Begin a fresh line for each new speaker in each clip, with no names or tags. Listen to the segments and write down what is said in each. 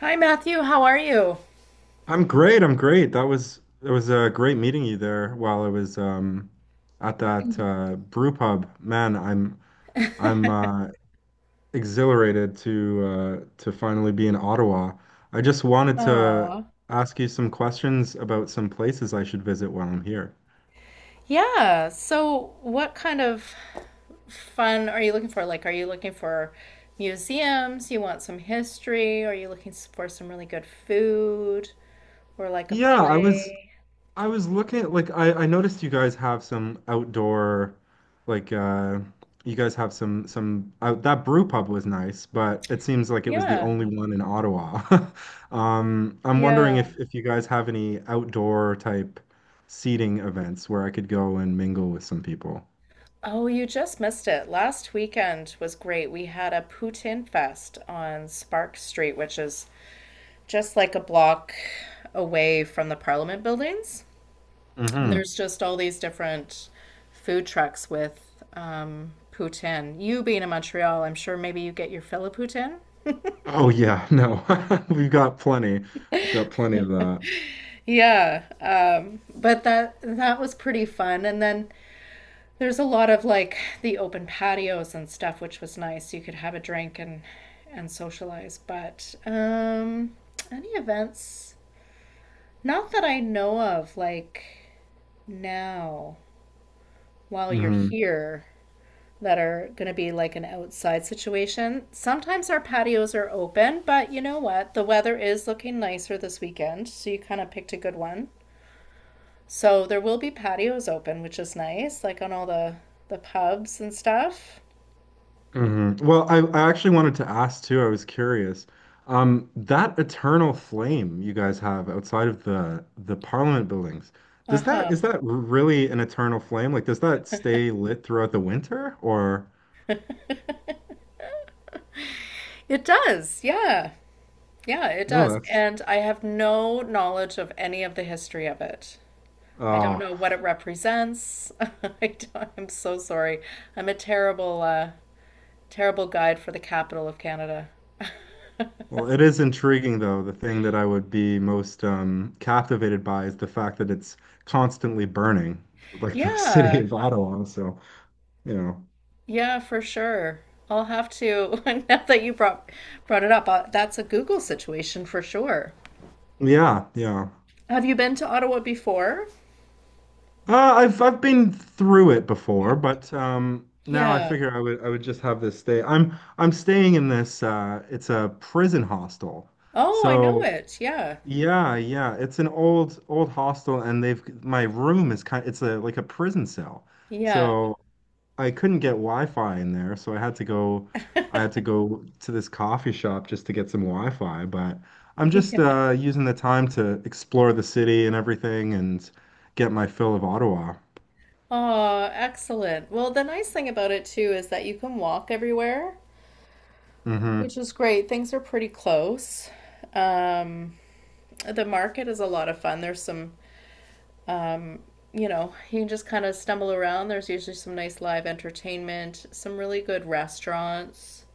Hi, Matthew. How are you?
I'm great. I'm great. That was it was a great meeting you there while I was at that brew pub. Man, I'm I'm uh exhilarated to finally be in Ottawa. I just wanted to
Oh,
ask you some questions about some places I should visit while I'm here.
yeah. So, what kind of fun are you looking for? Like, are you looking for museums? You want some history? Are you looking for some really good food or like a
Yeah, I was
play?
I was looking at like I noticed you guys have some outdoor like you guys have some out that brew pub was nice, but it seems like it was the
Yeah.
only one in Ottawa. I'm wondering
Yeah.
if you guys have any outdoor type seating events where I could go and mingle with some people.
Oh, you just missed it. Last weekend was great. We had a poutine fest on Spark Street, which is just like a block away from the Parliament buildings. And
Hmm.
there's just all these different food trucks with poutine. You being in Montreal, I'm sure maybe you get your fill of poutine.
Oh yeah, no. We've got plenty. Got plenty of that.
Yeah, but that was pretty fun. And then there's a lot of like the open patios and stuff, which was nice. You could have a drink and socialize. But any events? Not that I know of. Like now, while you're
Mm-hmm.
here, that are going to be like an outside situation. Sometimes our patios are open, but you know what? The weather is looking nicer this weekend, so you kind of picked a good one. So there will be patios open, which is nice, like on all the pubs and stuff.
Hmm. Well, I actually wanted to ask too. I was curious. That eternal flame you guys have outside of the Parliament buildings, does that
Uh-huh.
is that really an eternal flame? Like, does that stay lit throughout the winter? Or
It does. Yeah. Yeah, it
no,
does. And I have no knowledge of any of the history of it. I don't
oh,
know what it represents. I don't, I'm so sorry. I'm a terrible terrible guide for the capital of Canada.
well, it is intriguing though. The thing that I would be most captivated by is the fact that it's constantly burning, like the city
Yeah,
of Ottawa. So, you know,
yeah, for sure. I'll have to, now that you brought it up, that's a Google situation for sure.
yeah, yeah.
Have you been to Ottawa before?
I've been through it before, but now I
Yeah.
figure I would just have this stay. I'm staying in this. It's a prison hostel,
Oh, I know
so
it. Yeah.
yeah, yeah. It's an old hostel, and they've my room is kind. It's a like a prison cell,
Yeah.
so I couldn't get Wi-Fi in there, so I had to go. I had to go to this coffee shop just to get some Wi-Fi. But I'm just
Yeah.
using the time to explore the city and everything, and get my fill of Ottawa.
Oh, excellent. Well, the nice thing about it too is that you can walk everywhere,
Hmm.
which is great. Things are pretty close. Um, the market is a lot of fun. There's some um, you know, you can just kind of stumble around. There's usually some nice live entertainment, some really good restaurants.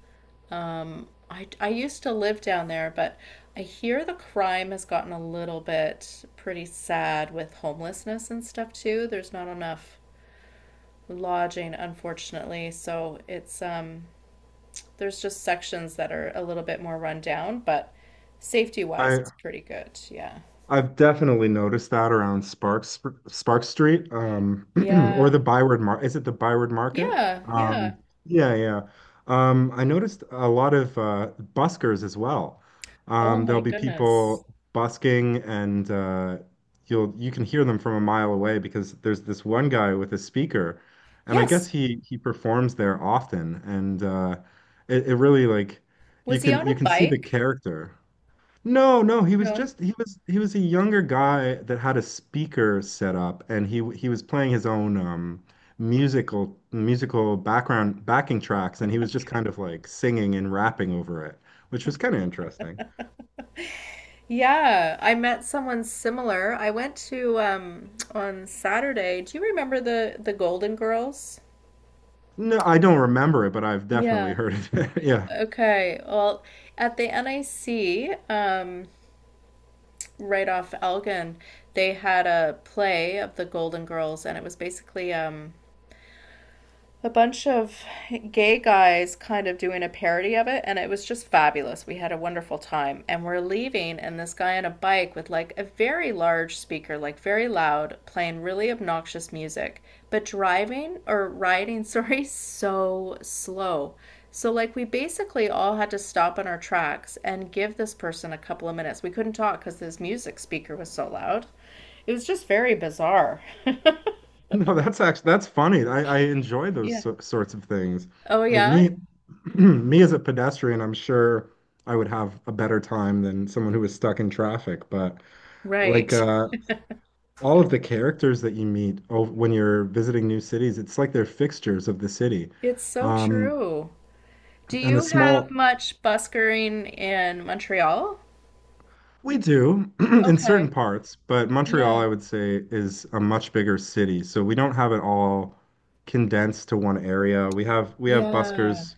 I used to live down there, but I hear the crime has gotten a little bit pretty sad with homelessness and stuff too. There's not enough lodging, unfortunately. So it's, there's just sections that are a little bit more run down, but safety wise,
I
it's pretty good. Yeah.
I've definitely noticed that around Spark Street, or
Yeah.
the Byward Mar. Is it the Byward Market?
Yeah. Yeah.
Yeah, yeah. I noticed a lot of buskers as well.
Oh my
There'll be
goodness.
people busking, and you can hear them from a mile away because there's this one guy with a speaker, and I guess
Yes.
he performs there often, and it, it really like
Was he on a
you can see the
bike?
character. No, no, he was
No.
just he was a younger guy that had a speaker set up and he was playing his own musical background backing tracks and he was just kind of like singing and rapping over it, which was kind of interesting.
Yeah, I met someone similar. I went to on Saturday. Do you remember the Golden Girls?
No, I don't remember it, but I've definitely
Yeah.
heard it. Yeah.
Okay. Well, at the NIC, right off Elgin, they had a play of the Golden Girls, and it was basically a bunch of gay guys kind of doing a parody of it, and it was just fabulous. We had a wonderful time, and we're leaving, and this guy on a bike with like a very large speaker, like very loud, playing really obnoxious music, but driving or riding, sorry, so slow. So, like, we basically all had to stop in our tracks and give this person a couple of minutes. We couldn't talk because this music speaker was so loud. It was just very bizarre.
No, that's actually that's funny. I enjoy those
Yeah.
sorts of things.
Oh,
Like
yeah.
me me as a pedestrian, I'm sure I would have a better time than someone who was stuck in traffic, but
Right.
like uh all of the characters that you meet oh, when you're visiting new cities, it's like they're fixtures of the city.
It's so
Um,
true. Do
and a
you have
small,
much buskering in Montreal?
we do in certain
Okay.
parts, but Montreal,
Yeah.
I would say, is a much bigger city. So we don't have it all condensed to one area. We have
Yeah.
buskers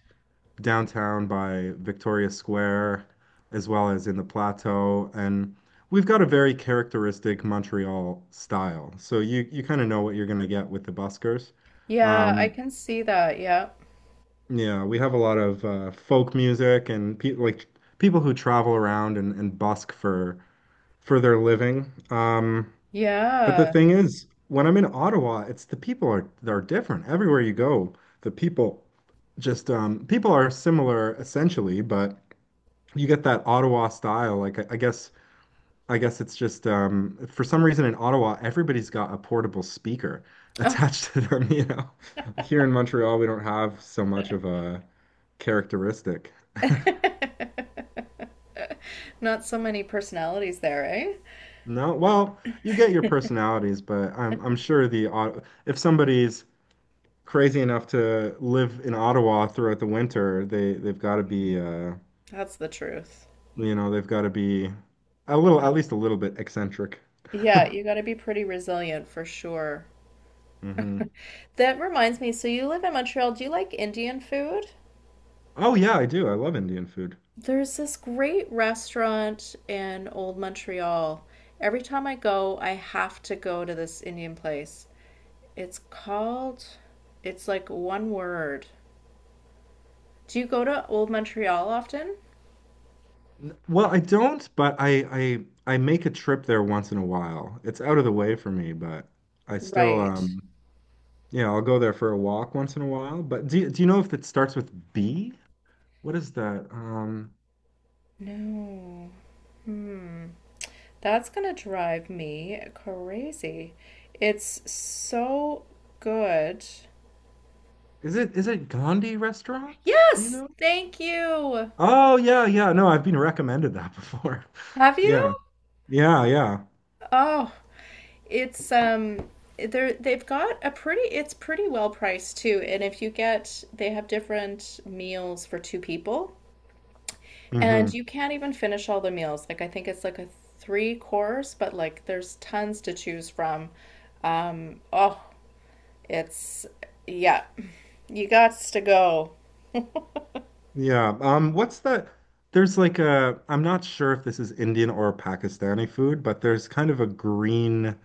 downtown by Victoria Square, as well as in the plateau, and we've got a very characteristic Montreal style. So you kind of know what you're going to get with the buskers.
Yeah, I
Um,
can see that. Yeah.
Yeah, we have a lot of folk music and pe like people who travel around and busk for their living. But the
Yeah.
thing is, when I'm in Ottawa, it's the people are they're different. Everywhere you go, the people just people are similar essentially, but you get that Ottawa style. Like I guess it's just for some reason in Ottawa, everybody's got a portable speaker
Oh.
attached to them, you know. Here in Montreal, we don't have so much of a characteristic.
Not so many personalities there, eh?
No, well, you get your personalities, but I'm sure if somebody's crazy enough to live in Ottawa throughout the winter, they've got to
Mm.
be
That's the truth.
you know, they've got to be a little at least a little bit eccentric.
Yeah, you got to be pretty resilient for sure.
hmm.
That reminds me, so you live in Montreal. Do you like Indian food?
Oh yeah, I do. I love Indian food.
There's this great restaurant in Old Montreal. Every time I go, I have to go to this Indian place. It's called, it's like one word. Do you go to Old Montreal often?
N- Well, I don't, but I I make a trip there once in a while. It's out of the way for me, but I still
Right.
yeah, I'll go there for a walk once in a while. But do you know if it starts with B? What is that? Um,
No. Hmm. That's gonna drive me crazy. It's so good.
is it Gandhi Restaurant? Do you
Yes,
know?
thank you.
Oh yeah, yeah. No, I've been recommended that before.
Have
Yeah.
you?
Yeah, yeah.
Oh, it's they've got a pretty it's pretty well priced too. And if you get they have different meals for two people. And
Hmm.
you can't even finish all the meals. Like I think it's like a three course, but like there's tons to choose from. Um, oh, it's yeah. You got to go.
Yeah. What's that? There's like I'm not sure if this is Indian or Pakistani food, but there's kind of a green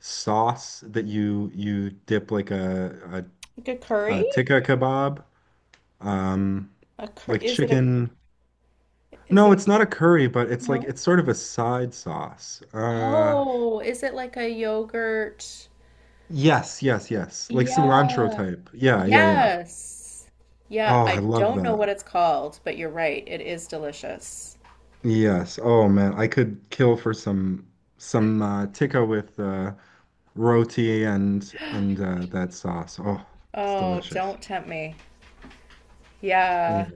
sauce that you dip like
Like a
a
curry?
tikka kebab, um,
A cur
like
is it a
chicken.
is
No,
it a
it's not a curry, but it's like
no?
it's sort of a side sauce.
Oh, is it like a yogurt?
Yes, yes, yes. Like cilantro
Yeah.
type. Yeah, yeah, yeah.
Yes. Yeah,
Oh,
I
I love
don't know what
that.
it's called, but you're right. It is delicious.
Yes. Oh man, I could kill for some tikka with roti and that sauce. Oh, it's
Oh,
delicious.
don't tempt me.
Yeah.
Yeah.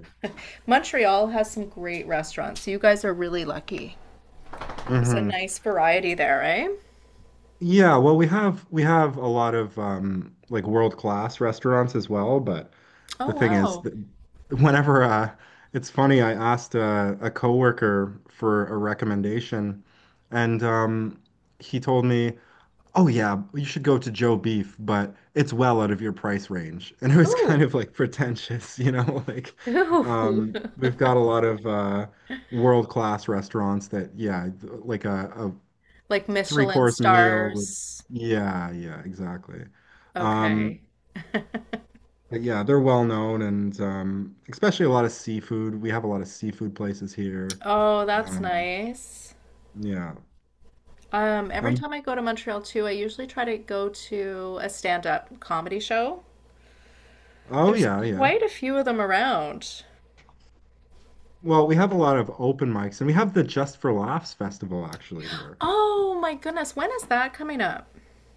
Montreal has some great restaurants. You guys are really lucky. There's a
Hmm.
nice variety there, eh?
Yeah, well, we have a lot of like world-class restaurants as well, but
Oh,
the thing is
wow.
that whenever it's funny, I asked a coworker for a recommendation and he told me, "Oh yeah, you should go to Joe Beef, but it's well out of your price range." And it was kind
Ooh.
of like pretentious, you know, like
Ooh.
we've got a lot of world-class restaurants that yeah, like
Like
three
Michelin
course meal would
stars.
yeah yeah exactly. Um,
Okay.
but yeah, they're well known, and um, especially a lot of seafood. We have a lot of seafood places here.
Oh, that's
Um,
nice.
yeah.
Every
Um,
time I go to Montreal too, I usually try to go to a stand-up comedy show.
oh
There's
yeah, yeah.
quite a few of them around.
Well, we have a lot of open mics, and we have the Just for Laughs festival actually here.
Oh my goodness, when is that coming up?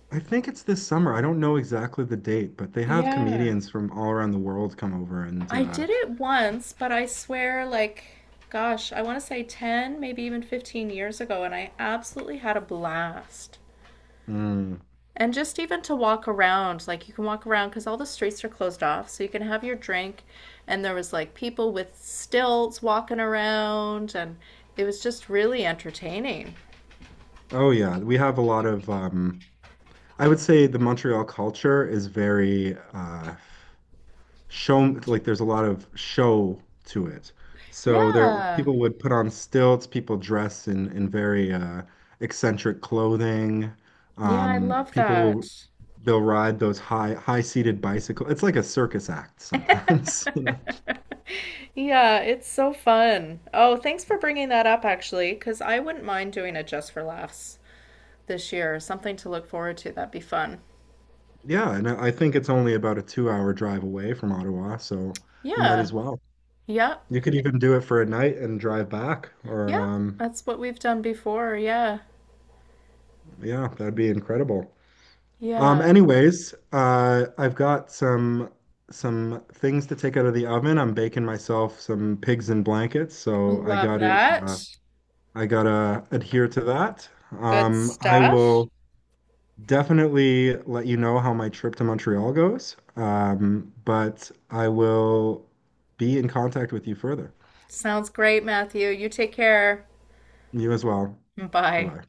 I think it's this summer. I don't know exactly the date, but they have
Yeah.
comedians from all around the world come over, and
I did it once, but I swear, like, gosh, I want to say 10, maybe even 15 years ago, and I absolutely had a blast.
mm,
And just even to walk around, like, you can walk around because all the streets are closed off, so you can have your drink. And there was like people with stilts walking around, and it was just really entertaining.
oh yeah, we have a lot of I would say the Montreal culture is very show. Like there's a lot of show to it. So there
Yeah.
people would put on stilts, people dress in very eccentric clothing.
Yeah, I love
People will
that.
they'll ride those high-seated bicycle. It's like a circus act sometimes. you know?
Yeah, it's so fun. Oh, thanks for bringing that up, actually, because I wouldn't mind doing it just for laughs this year. Something to look forward to. That'd be fun.
Yeah, and I think it's only about a two-hour drive away from Ottawa, so you might
Yeah.
as well.
Yep.
You could even do it for a night and drive back, or
Yep. That's what we've done before. Yeah.
yeah, that'd be incredible.
Yeah.
Anyways, I've got some things to take out of the oven. I'm baking myself some pigs in blankets, so I
Love
got to
that.
I gotta adhere to that.
Good
I
stuff.
will definitely let you know how my trip to Montreal goes. But I will be in contact with you further.
Sounds great, Matthew. You take care.
You as well. Bye
Bye.
bye.